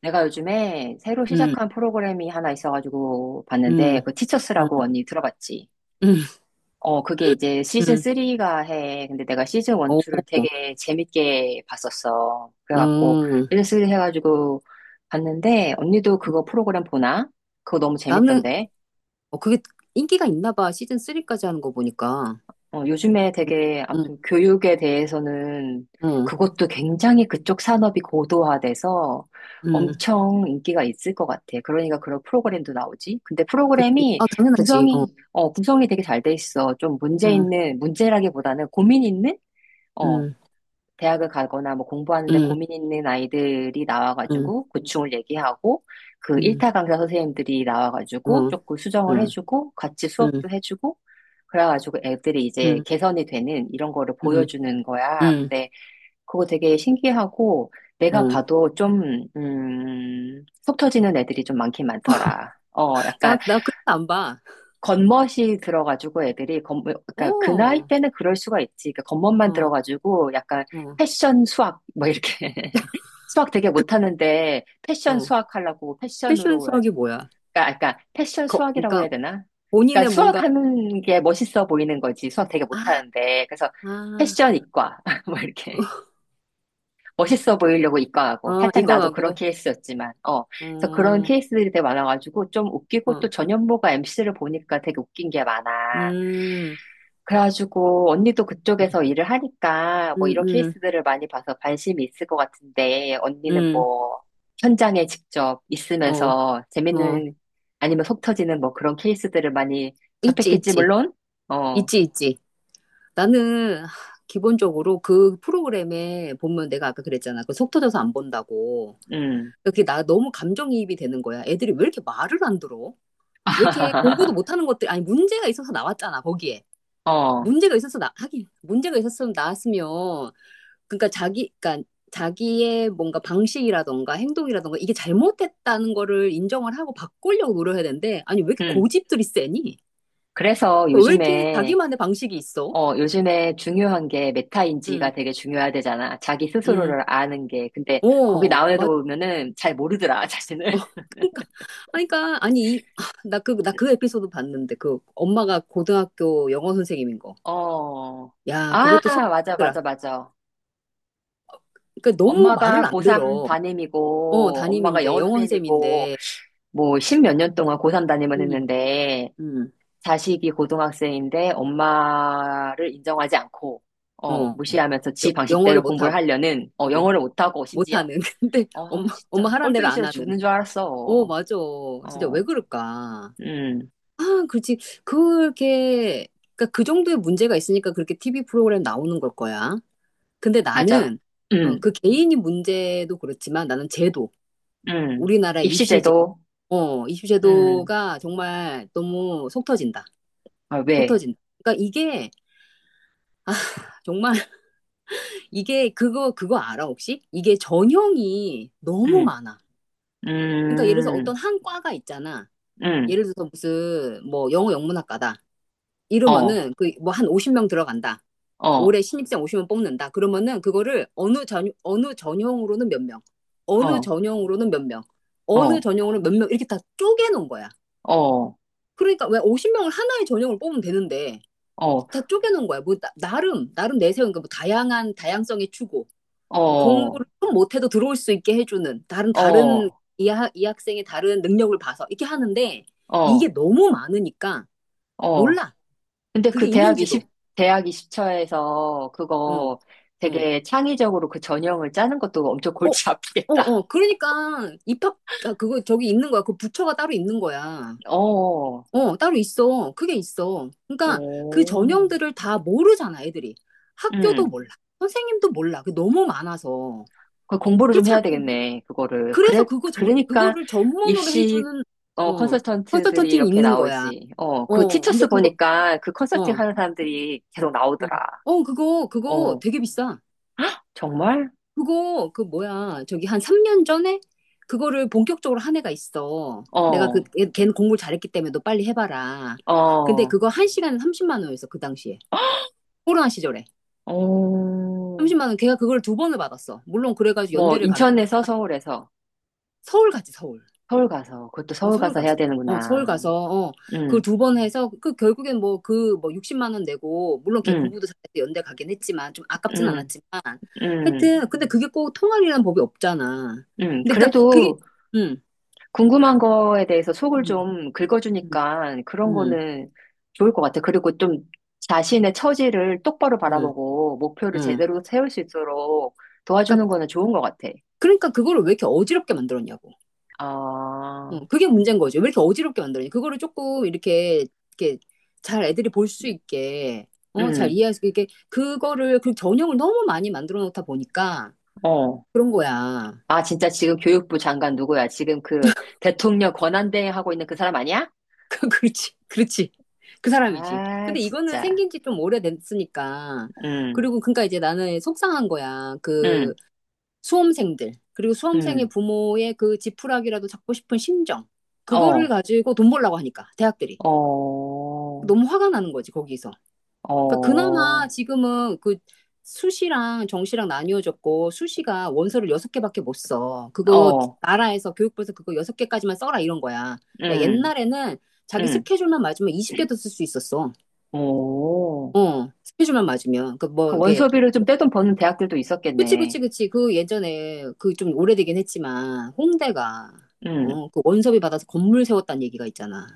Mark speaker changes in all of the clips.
Speaker 1: 내가 요즘에 새로
Speaker 2: 음,
Speaker 1: 시작한 프로그램이 하나 있어가지고 봤는데,
Speaker 2: 음,
Speaker 1: 그
Speaker 2: 음,
Speaker 1: 티처스라고 언니 들어봤지?
Speaker 2: 음,
Speaker 1: 그게 이제 시즌
Speaker 2: 음.
Speaker 1: 3가 해. 근데 내가 시즌 1,
Speaker 2: 오,
Speaker 1: 2를 되게 재밌게 봤었어. 그래갖고,
Speaker 2: 음.
Speaker 1: 시즌 3 해가지고 봤는데, 언니도 그거 프로그램 보나? 그거 너무
Speaker 2: 나는,
Speaker 1: 재밌던데?
Speaker 2: 그게 인기가 있나 봐. 시즌 리까지 하는 거 보니까.
Speaker 1: 요즘에 되게 아무튼
Speaker 2: 응
Speaker 1: 교육에 대해서는
Speaker 2: 응
Speaker 1: 그것도 굉장히 그쪽 산업이 고도화돼서
Speaker 2: 응
Speaker 1: 엄청 인기가 있을 것 같아. 그러니까 그런 프로그램도 나오지. 근데
Speaker 2: 그치.
Speaker 1: 프로그램이
Speaker 2: 아, 당연하지. 어,
Speaker 1: 구성이 되게 잘 돼 있어. 좀 문제
Speaker 2: 응,
Speaker 1: 있는, 문제라기보다는 고민 있는? 어,
Speaker 2: 응
Speaker 1: 대학을 가거나 뭐 공부하는데
Speaker 2: 응
Speaker 1: 고민 있는 아이들이
Speaker 2: 응,
Speaker 1: 나와가지고 고충을 얘기하고 그
Speaker 2: 응.
Speaker 1: 1타 강사 선생님들이 나와가지고
Speaker 2: 어,
Speaker 1: 조금 수정을
Speaker 2: 응,
Speaker 1: 해주고 같이 수업도
Speaker 2: 응
Speaker 1: 해주고 그래가지고 애들이 이제
Speaker 2: 응
Speaker 1: 개선이 되는 이런 거를
Speaker 2: 응,
Speaker 1: 보여주는 거야. 근데 그거 되게 신기하고
Speaker 2: 응,
Speaker 1: 내가
Speaker 2: 응.
Speaker 1: 봐도 좀, 속 터지는 애들이 좀 많긴 많더라.
Speaker 2: 나,
Speaker 1: 약간
Speaker 2: 나 그래서 안 봐.
Speaker 1: 겉멋이 들어가지고 그러니까 그 나이
Speaker 2: 오,
Speaker 1: 때는 그럴 수가 있지. 그러니까 겉멋만
Speaker 2: 어,
Speaker 1: 들어가지고 약간
Speaker 2: 어,
Speaker 1: 패션 수학 뭐 이렇게 수학 되게 못하는데 패션
Speaker 2: 어.
Speaker 1: 수학 하려고
Speaker 2: 패션
Speaker 1: 패션으로 아주
Speaker 2: 수학이 뭐야?
Speaker 1: 그러니까 패션 수학이라고
Speaker 2: 그러니까
Speaker 1: 해야 되나? 그러니까
Speaker 2: 본인의 뭔가,
Speaker 1: 수학하는 게 멋있어 보이는 거지. 수학 되게
Speaker 2: 아,
Speaker 1: 못하는데 그래서
Speaker 2: 아.
Speaker 1: 패션 이과 뭐 이렇게 멋있어 보이려고 이과하고 살짝
Speaker 2: 이거
Speaker 1: 나도 그런
Speaker 2: 하고,
Speaker 1: 케이스였지만 그래서 그런
Speaker 2: 어,
Speaker 1: 케이스들이 되게 많아가지고 좀 웃기고
Speaker 2: 어.
Speaker 1: 또 전현무가 MC를 보니까 되게 웃긴 게 많아.
Speaker 2: 음,
Speaker 1: 그래가지고 언니도 그쪽에서 일을 하니까 뭐
Speaker 2: 음,
Speaker 1: 이런
Speaker 2: 음,
Speaker 1: 케이스들을 많이 봐서 관심이 있을 것 같은데 언니는
Speaker 2: 음,
Speaker 1: 뭐 현장에 직접
Speaker 2: 어,
Speaker 1: 있으면서
Speaker 2: 어.
Speaker 1: 재밌는 아니면 속 터지는 뭐 그런 케이스들을 많이
Speaker 2: 있지,
Speaker 1: 접했겠지
Speaker 2: 있지,
Speaker 1: 물론. 어,
Speaker 2: 있지. 나는 하, 기본적으로 그 프로그램에 보면 내가 아까 그랬잖아. 그 속 터져서 안 본다고.
Speaker 1: 음.
Speaker 2: 그게 나 너무 감정이입이 되는 거야. 애들이 왜 이렇게 말을 안 들어? 왜 이렇게 공부도 못하는 것들, 아니, 문제가 있어서 나왔잖아, 거기에.
Speaker 1: 어,
Speaker 2: 하긴, 문제가 있었으면 나왔으면, 그러니까 자기의 뭔가 방식이라던가 행동이라던가 이게 잘못했다는 거를 인정을 하고 바꾸려고 노력해야 되는데, 아니, 왜 이렇게
Speaker 1: 음.
Speaker 2: 고집들이 세니?
Speaker 1: 그래서
Speaker 2: 왜 이렇게
Speaker 1: 요즘에
Speaker 2: 자기만의 방식이 있어?
Speaker 1: 어, 요즘에 중요한 게
Speaker 2: 응,
Speaker 1: 메타인지가 되게 중요하대잖아. 자기
Speaker 2: 응,
Speaker 1: 스스로를 아는 게. 근데 거기
Speaker 2: 어,
Speaker 1: 나온 애들
Speaker 2: 맞아.
Speaker 1: 보면은 잘 모르더라, 자신을.
Speaker 2: 어, 그러니까, 아니, 그러니까, 아니, 이, 아, 나 그 에피소드 봤는데, 그 엄마가 고등학교 영어 선생님인 거.
Speaker 1: 어.
Speaker 2: 야,
Speaker 1: 아,
Speaker 2: 그것도
Speaker 1: 맞아, 맞아,
Speaker 2: 속이더라.
Speaker 1: 맞아.
Speaker 2: 그러니까 너무 말을
Speaker 1: 엄마가
Speaker 2: 안
Speaker 1: 고3
Speaker 2: 들어. 어,
Speaker 1: 담임이고, 엄마가
Speaker 2: 담임인데,
Speaker 1: 영어
Speaker 2: 영어
Speaker 1: 선생님이고,
Speaker 2: 선생님인데,
Speaker 1: 뭐, 십몇 년 동안 고3 담임을
Speaker 2: 응,
Speaker 1: 했는데,
Speaker 2: 응,
Speaker 1: 자식이 고등학생인데, 엄마를 인정하지 않고,
Speaker 2: 어,
Speaker 1: 무시하면서 지
Speaker 2: 영어를
Speaker 1: 방식대로 공부를
Speaker 2: 못하고.
Speaker 1: 하려는,
Speaker 2: 어.
Speaker 1: 영어를 못하고, 심지어.
Speaker 2: 못하는. 근데 엄마
Speaker 1: 진짜,
Speaker 2: 하라는 대로
Speaker 1: 꼴보기
Speaker 2: 안
Speaker 1: 싫어
Speaker 2: 하는.
Speaker 1: 죽는 줄
Speaker 2: 어,
Speaker 1: 알았어.
Speaker 2: 맞아. 진짜
Speaker 1: 어,
Speaker 2: 왜 그럴까?
Speaker 1: 음,
Speaker 2: 아, 그렇지. 그렇게, 그러니까 그 정도의 문제가 있으니까 그렇게 TV 프로그램 나오는 걸 거야. 근데
Speaker 1: 맞아.
Speaker 2: 나는, 어,
Speaker 1: 음,
Speaker 2: 그 개인이 문제도 그렇지만 나는 제도,
Speaker 1: 음.
Speaker 2: 우리나라 입시제,
Speaker 1: 입시제도,
Speaker 2: 어,
Speaker 1: 음,
Speaker 2: 입시제도가 정말 너무 속 터진다.
Speaker 1: 아,
Speaker 2: 속
Speaker 1: 왜?
Speaker 2: 터진다. 그러니까 이게 정말, 이게 그거 알아 혹시? 이게 전형이 너무
Speaker 1: 음,
Speaker 2: 많아. 그러니까 예를 들어서
Speaker 1: 음,
Speaker 2: 어떤 한 과가 있잖아.
Speaker 1: 음.
Speaker 2: 예를 들어서 무슨 뭐 영어 영문학과다.
Speaker 1: 어,
Speaker 2: 이러면은 그 뭐 한 50명 들어간다.
Speaker 1: 어,
Speaker 2: 올해 신입생 50명 뽑는다. 그러면은 그거를 어느 전형으로는 몇 명, 어느
Speaker 1: 어,
Speaker 2: 전형으로는 몇 명,
Speaker 1: 어,
Speaker 2: 어느
Speaker 1: 어,
Speaker 2: 전형으로는 몇 명 이렇게 다 쪼개 놓은 거야.
Speaker 1: 어,
Speaker 2: 그러니까 왜 50명을 하나의 전형을 뽑으면 되는데 다 쪼개 놓은 거야. 뭐 나, 름 나름 내세운 그뭐 다양한 다양성의 추구, 뭐
Speaker 1: 어,
Speaker 2: 공부를 좀 못해도 들어올 수 있게 해주는 다른
Speaker 1: 어,
Speaker 2: 다른
Speaker 1: 어,
Speaker 2: 이 학생의 다른 능력을 봐서 이렇게 하는데 이게 너무 많으니까
Speaker 1: 어.
Speaker 2: 몰라.
Speaker 1: 근데
Speaker 2: 그게
Speaker 1: 그
Speaker 2: 있는지도.
Speaker 1: 대학 20처에서
Speaker 2: 응,
Speaker 1: 그거
Speaker 2: 응.
Speaker 1: 되게 창의적으로 그 전형을 짜는 것도 엄청
Speaker 2: 어, 어,
Speaker 1: 골치 아프겠다.
Speaker 2: 어. 아, 그거 저기 있는 거야. 그 부처가 따로 있는 거야.
Speaker 1: 어,
Speaker 2: 어, 따로 있어. 그게 있어. 그러니까 그
Speaker 1: 오,
Speaker 2: 전형들을 다 모르잖아, 애들이. 학교도
Speaker 1: 음,
Speaker 2: 몰라. 선생님도 몰라. 그게 너무 많아서.
Speaker 1: 그 공부를 좀
Speaker 2: 그렇지
Speaker 1: 해야
Speaker 2: 않겠니?
Speaker 1: 되겠네, 그거를. 그래, 그러니까
Speaker 2: 그거를 전문으로
Speaker 1: 입시,
Speaker 2: 해주는, 어,
Speaker 1: 컨설턴트들이
Speaker 2: 컨설턴팅이
Speaker 1: 이렇게
Speaker 2: 있는 거야.
Speaker 1: 나오지. 그
Speaker 2: 어, 근데
Speaker 1: 티처스
Speaker 2: 그거,
Speaker 1: 보니까 그 컨설팅
Speaker 2: 어,
Speaker 1: 하는 사람들이 계속
Speaker 2: 어,
Speaker 1: 나오더라.
Speaker 2: 어, 그거, 그거
Speaker 1: 어,
Speaker 2: 되게 비싸.
Speaker 1: 정말?
Speaker 2: 그거 그 뭐야 저기 한 3년 전에 그거를 본격적으로 한 애가 있어. 내가
Speaker 1: 어,
Speaker 2: 걔는 공부를 잘했기 때문에 너 빨리 해봐라. 근데
Speaker 1: 어,
Speaker 2: 그거 한 시간에 30만 원이었어 그 당시에. 코로나 시절에
Speaker 1: 어,
Speaker 2: 30만 원. 걔가 그걸 두 번을 받았어. 물론 그래가지고
Speaker 1: 뭐,
Speaker 2: 연대를 가게,
Speaker 1: 인천에서 서울에서,
Speaker 2: 서울 가지 서울.
Speaker 1: 그것도
Speaker 2: 어
Speaker 1: 서울
Speaker 2: 서울
Speaker 1: 가서 해야
Speaker 2: 가서 어 서울
Speaker 1: 되는구나.
Speaker 2: 가서 어 그걸
Speaker 1: 응,
Speaker 2: 두 번 해서 그 결국엔 뭐 그 뭐 60만 원 내고, 물론 걔 공부도
Speaker 1: 응,
Speaker 2: 잘해서 연대 가긴 했지만 좀 아깝진
Speaker 1: 응,
Speaker 2: 않았지만,
Speaker 1: 응,
Speaker 2: 하여튼. 근데 그게 꼭 통할이라는 법이 없잖아.
Speaker 1: 응,
Speaker 2: 근데 그니까 그게.
Speaker 1: 그래도
Speaker 2: 음.
Speaker 1: 궁금한 거에 대해서 속을
Speaker 2: 음.
Speaker 1: 좀
Speaker 2: 음,
Speaker 1: 긁어주니까 그런
Speaker 2: 음,
Speaker 1: 거는 좋을 것 같아. 그리고 좀 자신의 처지를 똑바로
Speaker 2: 음,
Speaker 1: 바라보고 목표를
Speaker 2: 음.
Speaker 1: 제대로 세울 수 있도록 도와주는
Speaker 2: 그러니까,
Speaker 1: 거는 좋은 것 같아.
Speaker 2: 그러니까 그거를 왜 이렇게 어지럽게 만들었냐고.
Speaker 1: 아,
Speaker 2: 어, 그게 문제인 거죠. 왜 이렇게 어지럽게 만들었냐. 그거를 조금 이렇게, 이렇게 잘 애들이 볼 수 있게, 어, 잘
Speaker 1: 음,
Speaker 2: 이해할 수 있게, 그거를, 그 전형을 너무 많이 만들어 놓다 보니까
Speaker 1: 어,
Speaker 2: 그런 거야.
Speaker 1: 진짜 지금 교육부 장관 누구야? 지금 그 대통령 권한대행 하고 있는 그 사람 아니야?
Speaker 2: 그렇지, 그렇지. 그 사람이지.
Speaker 1: 아,
Speaker 2: 근데 이거는
Speaker 1: 진짜.
Speaker 2: 생긴 지 좀 오래됐으니까.
Speaker 1: 음,
Speaker 2: 그리고 그러니까 이제 나는 속상한 거야. 그
Speaker 1: 음,
Speaker 2: 수험생들, 그리고 수험생의
Speaker 1: 음.
Speaker 2: 부모의 그 지푸라기라도 잡고 싶은 심정, 그거를
Speaker 1: 어,
Speaker 2: 가지고 돈 벌라고 하니까, 대학들이.
Speaker 1: 어,
Speaker 2: 너무 화가 나는 거지, 거기서. 그러니까 그나마
Speaker 1: 어,
Speaker 2: 지금은 그 수시랑 정시랑 나뉘어졌고, 수시가 원서를 여섯 개밖에 못 써. 그거
Speaker 1: 어,
Speaker 2: 나라에서 교육부에서 그거 여섯 개까지만 써라 이런 거야. 야,
Speaker 1: 음,
Speaker 2: 옛날에는 자기
Speaker 1: 음.
Speaker 2: 스케줄만 맞으면 20개도 쓸 수 있었어.
Speaker 1: 오.
Speaker 2: 어, 스케줄만 맞으면. 그
Speaker 1: 그
Speaker 2: 뭐, 게
Speaker 1: 원서비를 좀 떼돈 버는 대학들도
Speaker 2: 그치,
Speaker 1: 있었겠네.
Speaker 2: 그치, 그치. 그 예전에 그 좀 오래되긴 했지만 홍대가,
Speaker 1: 음,
Speaker 2: 어, 그 원섭이 받아서 건물 세웠다는 얘기가 있잖아.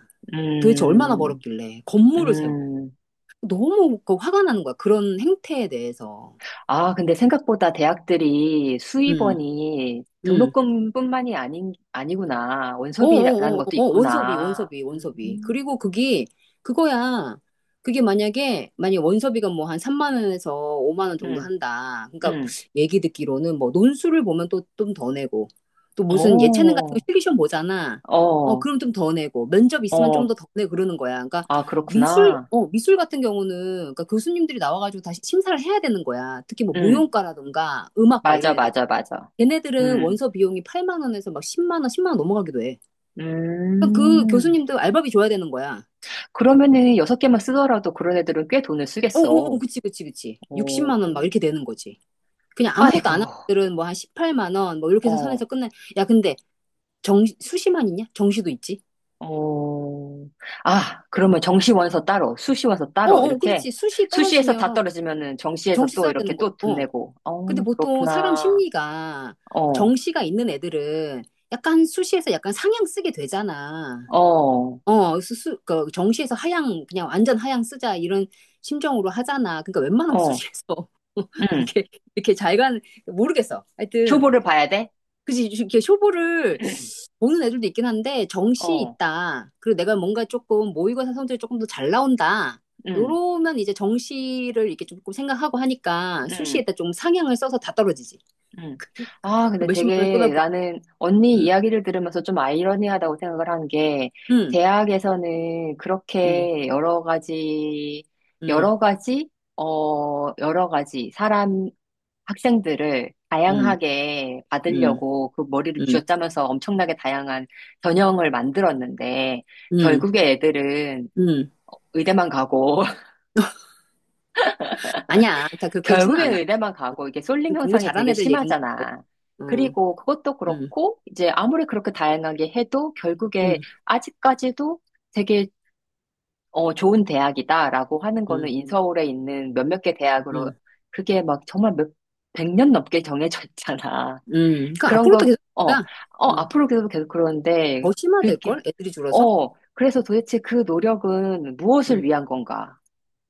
Speaker 2: 도대체 얼마나
Speaker 1: 음,
Speaker 2: 벌었길래 건물을 세워.
Speaker 1: 음.
Speaker 2: 너무 그 화가 나는 거야. 그런 행태에 대해서.
Speaker 1: 아, 근데 생각보다 대학들이
Speaker 2: 음,
Speaker 1: 수입원이
Speaker 2: 음.
Speaker 1: 등록금뿐만이 아닌, 아니구나. 원서비라는
Speaker 2: 어어어어
Speaker 1: 것도
Speaker 2: 원섭이
Speaker 1: 있구나.
Speaker 2: 원섭이 원섭이 그리고 그게 그거야. 그게 만약에 원섭이가 뭐 한 3만 원에서 5만 원 정도
Speaker 1: 음,
Speaker 2: 한다 그러니까,
Speaker 1: 음.
Speaker 2: 얘기 듣기로는 뭐 논술을 보면 또 좀 더 내고, 또 무슨 예체능 같은 거
Speaker 1: 어,
Speaker 2: 실기시험 보잖아. 어,
Speaker 1: 어,
Speaker 2: 그럼 좀 더 내고 면접 있으면 좀 더
Speaker 1: 어.
Speaker 2: 더 내고 그러는 거야. 그러니까
Speaker 1: 아, 그렇구나.
Speaker 2: 미술 같은 경우는 그러니까 교수님들이 나와가지고 다시 심사를 해야 되는 거야. 특히 뭐
Speaker 1: 음,
Speaker 2: 무용과라든가 음악과 이런
Speaker 1: 맞아,
Speaker 2: 애들,
Speaker 1: 맞아, 맞아.
Speaker 2: 걔네들은
Speaker 1: 음,
Speaker 2: 원서 비용이 8만 원에서 막 10만 원 넘어가기도 해. 그그
Speaker 1: 음.
Speaker 2: 교수님도 알바비 줘야 되는 거야.
Speaker 1: 그러면은 여섯 개만 쓰더라도 그런 애들은 꽤 돈을 쓰겠어.
Speaker 2: 어어어, 그치, 그치, 그치.
Speaker 1: 어,
Speaker 2: 60만 원 막 이렇게 되는 거지. 그냥 아무것도
Speaker 1: 아이고,
Speaker 2: 안 하는 들은 뭐 한 18만 원 뭐 이렇게 해서
Speaker 1: 어.
Speaker 2: 선에서 끝내. 야, 근데 수시만 있냐? 정시도 있지?
Speaker 1: 어, 아, 그러면 정시원서 따로, 수시원서 따로,
Speaker 2: 어어,
Speaker 1: 이렇게.
Speaker 2: 그렇지. 수시
Speaker 1: 수시에서
Speaker 2: 떨어지면
Speaker 1: 다 떨어지면은 정시에서
Speaker 2: 정시
Speaker 1: 또
Speaker 2: 써야
Speaker 1: 이렇게
Speaker 2: 되는 거야.
Speaker 1: 또 돈
Speaker 2: 어.
Speaker 1: 내고.
Speaker 2: 근데
Speaker 1: 어,
Speaker 2: 보통 사람
Speaker 1: 그렇구나.
Speaker 2: 심리가
Speaker 1: 어,
Speaker 2: 정시가 있는 애들은 약간 수시에서 약간 상향 쓰게 되잖아.
Speaker 1: 어,
Speaker 2: 어, 정시에서 하향, 그냥 완전 하향 쓰자, 이런 심정으로 하잖아. 그러니까 웬만하면
Speaker 1: 어,
Speaker 2: 수시에서,
Speaker 1: 음.
Speaker 2: 이렇게, 이렇게 잘 가는, 모르겠어. 하여튼,
Speaker 1: 초보를 봐야 돼?
Speaker 2: 그지, 이렇게 쇼부를 보는 애들도 있긴 한데, 정시
Speaker 1: 어,
Speaker 2: 있다. 그리고 내가 뭔가 조금 모의고사 성적이 조금 더 잘 나온다.
Speaker 1: 음,
Speaker 2: 요러면 이제 정시를 이렇게 조금 생각하고 하니까,
Speaker 1: 음,
Speaker 2: 수시에다 좀 상향을 써서 다 떨어지지.
Speaker 1: 음.
Speaker 2: 그
Speaker 1: 아,
Speaker 2: 그
Speaker 1: 근데
Speaker 2: 몇십만 원
Speaker 1: 되게
Speaker 2: 쏟아부어.
Speaker 1: 나는 언니
Speaker 2: 음,
Speaker 1: 이야기를 들으면서 좀 아이러니하다고 생각을 한 게,
Speaker 2: 음,
Speaker 1: 대학에서는
Speaker 2: 음,
Speaker 1: 그렇게 여러 가지,
Speaker 2: 음,
Speaker 1: 여러 가지, 어, 여러 가지 사람, 학생들을
Speaker 2: 음,
Speaker 1: 다양하게
Speaker 2: 음,
Speaker 1: 받으려고 그 머리를
Speaker 2: 음,
Speaker 1: 쥐어짜면서 엄청나게 다양한 전형을 만들었는데
Speaker 2: 음,
Speaker 1: 결국에 애들은
Speaker 2: 음.
Speaker 1: 의대만 가고
Speaker 2: 아니야. 그렇지는
Speaker 1: 결국에
Speaker 2: 않아.
Speaker 1: 의대만 가고 이게 쏠림
Speaker 2: 공부
Speaker 1: 현상이
Speaker 2: 잘하는
Speaker 1: 되게
Speaker 2: 애들 얘기인
Speaker 1: 심하잖아.
Speaker 2: 거야. 응,
Speaker 1: 그리고 그것도
Speaker 2: 응,
Speaker 1: 그렇고 이제 아무리 그렇게 다양하게 해도 결국에
Speaker 2: 응,
Speaker 1: 아직까지도 되게 좋은 대학이다라고 하는 거는
Speaker 2: 응,
Speaker 1: 인서울에 있는 몇몇 개 대학으로
Speaker 2: 응,
Speaker 1: 그게 막 정말 몇 백년 넘게 정해져 있잖아.
Speaker 2: 응. 그러니까
Speaker 1: 그런 거,
Speaker 2: 앞으로도 계속
Speaker 1: 어,
Speaker 2: 그럴
Speaker 1: 어,
Speaker 2: 거야. 응.
Speaker 1: 앞으로 계속 계속 그러는데,
Speaker 2: 더
Speaker 1: 그게,
Speaker 2: 심화될걸? 애들이 줄어서?
Speaker 1: 그래서 도대체 그 노력은 무엇을
Speaker 2: 응,
Speaker 1: 위한 건가?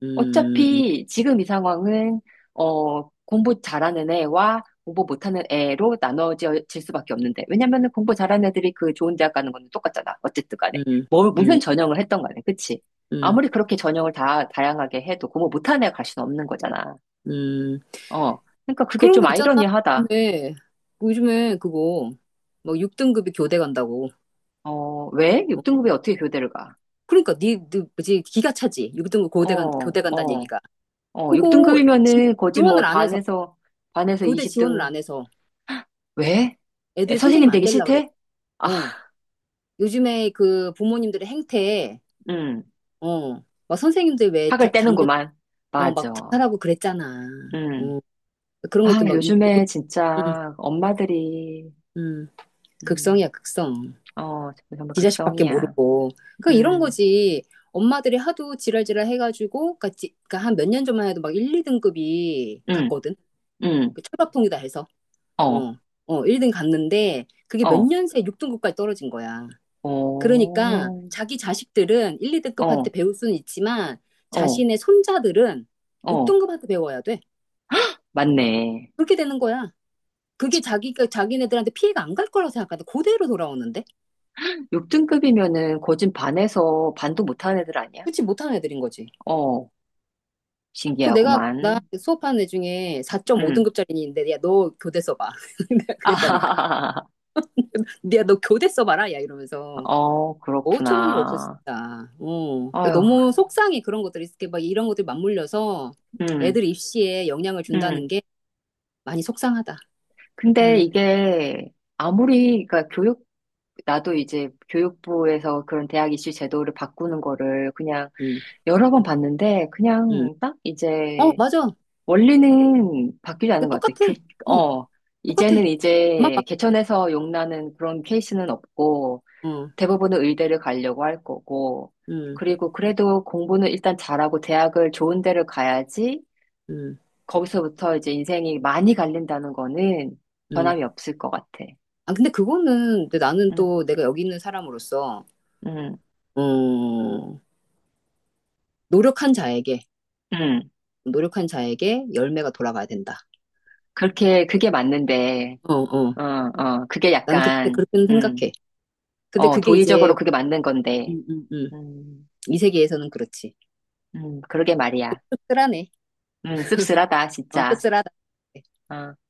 Speaker 2: 음, 음,
Speaker 1: 어차피 지금 이 상황은, 공부 잘하는 애와 공부 못하는 애로 나눠질 수밖에 없는데, 왜냐면은 공부 잘하는 애들이 그 좋은 대학 가는 건 똑같잖아. 어쨌든 간에. 뭐, 무슨
Speaker 2: 음,
Speaker 1: 전형을 했던 간에, 그치?
Speaker 2: 음,
Speaker 1: 아무리 그렇게 전형을 다양하게 해도 공부 못하는 애가 갈 수는 없는 거잖아.
Speaker 2: 음.
Speaker 1: 어. 그러니까 그게
Speaker 2: 그런
Speaker 1: 좀
Speaker 2: 거 있잖아.
Speaker 1: 아이러니하다.
Speaker 2: 요즘에, 요즘에 그거, 뭐 6등급이 교대 간다고.
Speaker 1: 어, 왜?
Speaker 2: 어,
Speaker 1: 6등급이 어떻게 교대를 가?
Speaker 2: 그러니까 니 뭐지, 기가 차지. 6등급
Speaker 1: 어,
Speaker 2: 교대 간다는
Speaker 1: 어,
Speaker 2: 얘기가.
Speaker 1: 어,
Speaker 2: 그거 지,
Speaker 1: 6등급이면은 거지
Speaker 2: 지원을
Speaker 1: 뭐
Speaker 2: 안 해서,
Speaker 1: 반에서
Speaker 2: 교대 지원을
Speaker 1: 20등.
Speaker 2: 안 해서.
Speaker 1: 왜? 에,
Speaker 2: 애들이 선생님
Speaker 1: 선생님
Speaker 2: 안
Speaker 1: 되기
Speaker 2: 되려고 그래.
Speaker 1: 싫대? 아,
Speaker 2: 요즘에 그 부모님들의 행태,
Speaker 1: 음,
Speaker 2: 어, 막
Speaker 1: 학을
Speaker 2: 작년,
Speaker 1: 떼는구만.
Speaker 2: 어, 막
Speaker 1: 맞아.
Speaker 2: 자살하고 그랬잖아.
Speaker 1: 음.
Speaker 2: 어, 그런
Speaker 1: 아,
Speaker 2: 것도 막,
Speaker 1: 요즘에
Speaker 2: 음,
Speaker 1: 진짜 엄마들이,
Speaker 2: 음,
Speaker 1: 음,
Speaker 2: 극성이야, 극성.
Speaker 1: 어, 정말
Speaker 2: 지 자식밖에
Speaker 1: 극성이야.
Speaker 2: 모르고. 그 이런
Speaker 1: 음,
Speaker 2: 거지. 엄마들이 하도 지랄지랄 해가지고, 그니까, 한 몇 년 전만 해도 막 1, 2등급이
Speaker 1: 음,
Speaker 2: 갔거든.
Speaker 1: 음,
Speaker 2: 그 철밥통이다 해서.
Speaker 1: 어,
Speaker 2: 어, 어, 1등 갔는데, 그게 몇
Speaker 1: 어,
Speaker 2: 년 새에 6등급까지 떨어진 거야. 그러니까
Speaker 1: 오,
Speaker 2: 자기 자식들은 1, 2등급한테
Speaker 1: 어,
Speaker 2: 배울 수는 있지만,
Speaker 1: 어,
Speaker 2: 자신의 손자들은
Speaker 1: 어,
Speaker 2: 6등급한테 배워야 돼.
Speaker 1: 맞네.
Speaker 2: 그렇게 되는 거야. 그게 자기가 자기네들한테 피해가 안 갈 거라고 생각하는데 그대로 돌아오는데.
Speaker 1: 6등급이면은 거진 반에서 반도 못하는 애들 아니야?
Speaker 2: 그치, 못하는 애들인 거지.
Speaker 1: 어,
Speaker 2: 그 내가 나
Speaker 1: 신기하구만.
Speaker 2: 수업하는 애 중에
Speaker 1: 음.
Speaker 2: 4.5등급짜리 있는데, 야, 너 교대 써봐. 내가 그랬다니까.
Speaker 1: 아,
Speaker 2: 야, 너 교대 써봐라, 야, 이러면서.
Speaker 1: 어,
Speaker 2: 어처구니가 없어
Speaker 1: 그렇구나.
Speaker 2: 진짜. 어.
Speaker 1: 아유,
Speaker 2: 너무 속상해. 그런 것들이 이렇게 막 이런 것들 맞물려서
Speaker 1: 음,
Speaker 2: 애들 입시에 영향을 준다는
Speaker 1: 음.
Speaker 2: 게 많이 속상하다.
Speaker 1: 근데
Speaker 2: 응,
Speaker 1: 이게 아무리, 그러니까 교육, 나도 이제 교육부에서 그런 대학 입시 제도를 바꾸는 거를 그냥
Speaker 2: 응,
Speaker 1: 여러 번 봤는데,
Speaker 2: 응.
Speaker 1: 그냥 딱
Speaker 2: 어,
Speaker 1: 이제
Speaker 2: 맞아.
Speaker 1: 원리는 바뀌지 않은
Speaker 2: 그
Speaker 1: 것 같아.
Speaker 2: 똑같아. 어,
Speaker 1: 어,
Speaker 2: 똑같아.
Speaker 1: 이제는
Speaker 2: 엄마,
Speaker 1: 이제
Speaker 2: 아빠.
Speaker 1: 개천에서 욕 나는 그런 케이스는 없고,
Speaker 2: 어,
Speaker 1: 대부분은 의대를 가려고 할 거고,
Speaker 2: 응,
Speaker 1: 그리고 그래도 공부는 일단 잘하고 대학을 좋은 데를 가야지,
Speaker 2: 응,
Speaker 1: 거기서부터 이제 인생이 많이 갈린다는 거는
Speaker 2: 응.
Speaker 1: 변함이 없을 것 같아.
Speaker 2: 아, 근데 그거는, 근데 나는
Speaker 1: 응,
Speaker 2: 또 내가 여기 있는 사람으로서,
Speaker 1: 응,
Speaker 2: 어, 노력한 자에게,
Speaker 1: 응.
Speaker 2: 노력한 자에게 열매가 돌아가야 된다.
Speaker 1: 그게 맞는데,
Speaker 2: 어, 어.
Speaker 1: 어, 어, 그게
Speaker 2: 난 그렇게,
Speaker 1: 약간,
Speaker 2: 그렇게는 생각해. 근데 그게 이제,
Speaker 1: 도의적으로 그게 맞는 건데,
Speaker 2: 음, 음, 음.
Speaker 1: 음,
Speaker 2: 이 세계에서는 그렇지.
Speaker 1: 그러게 말이야.
Speaker 2: 쓸쓸하네.
Speaker 1: 씁쓸하다,
Speaker 2: 어,
Speaker 1: 진짜.
Speaker 2: 쓸쓸하다.
Speaker 1: 어.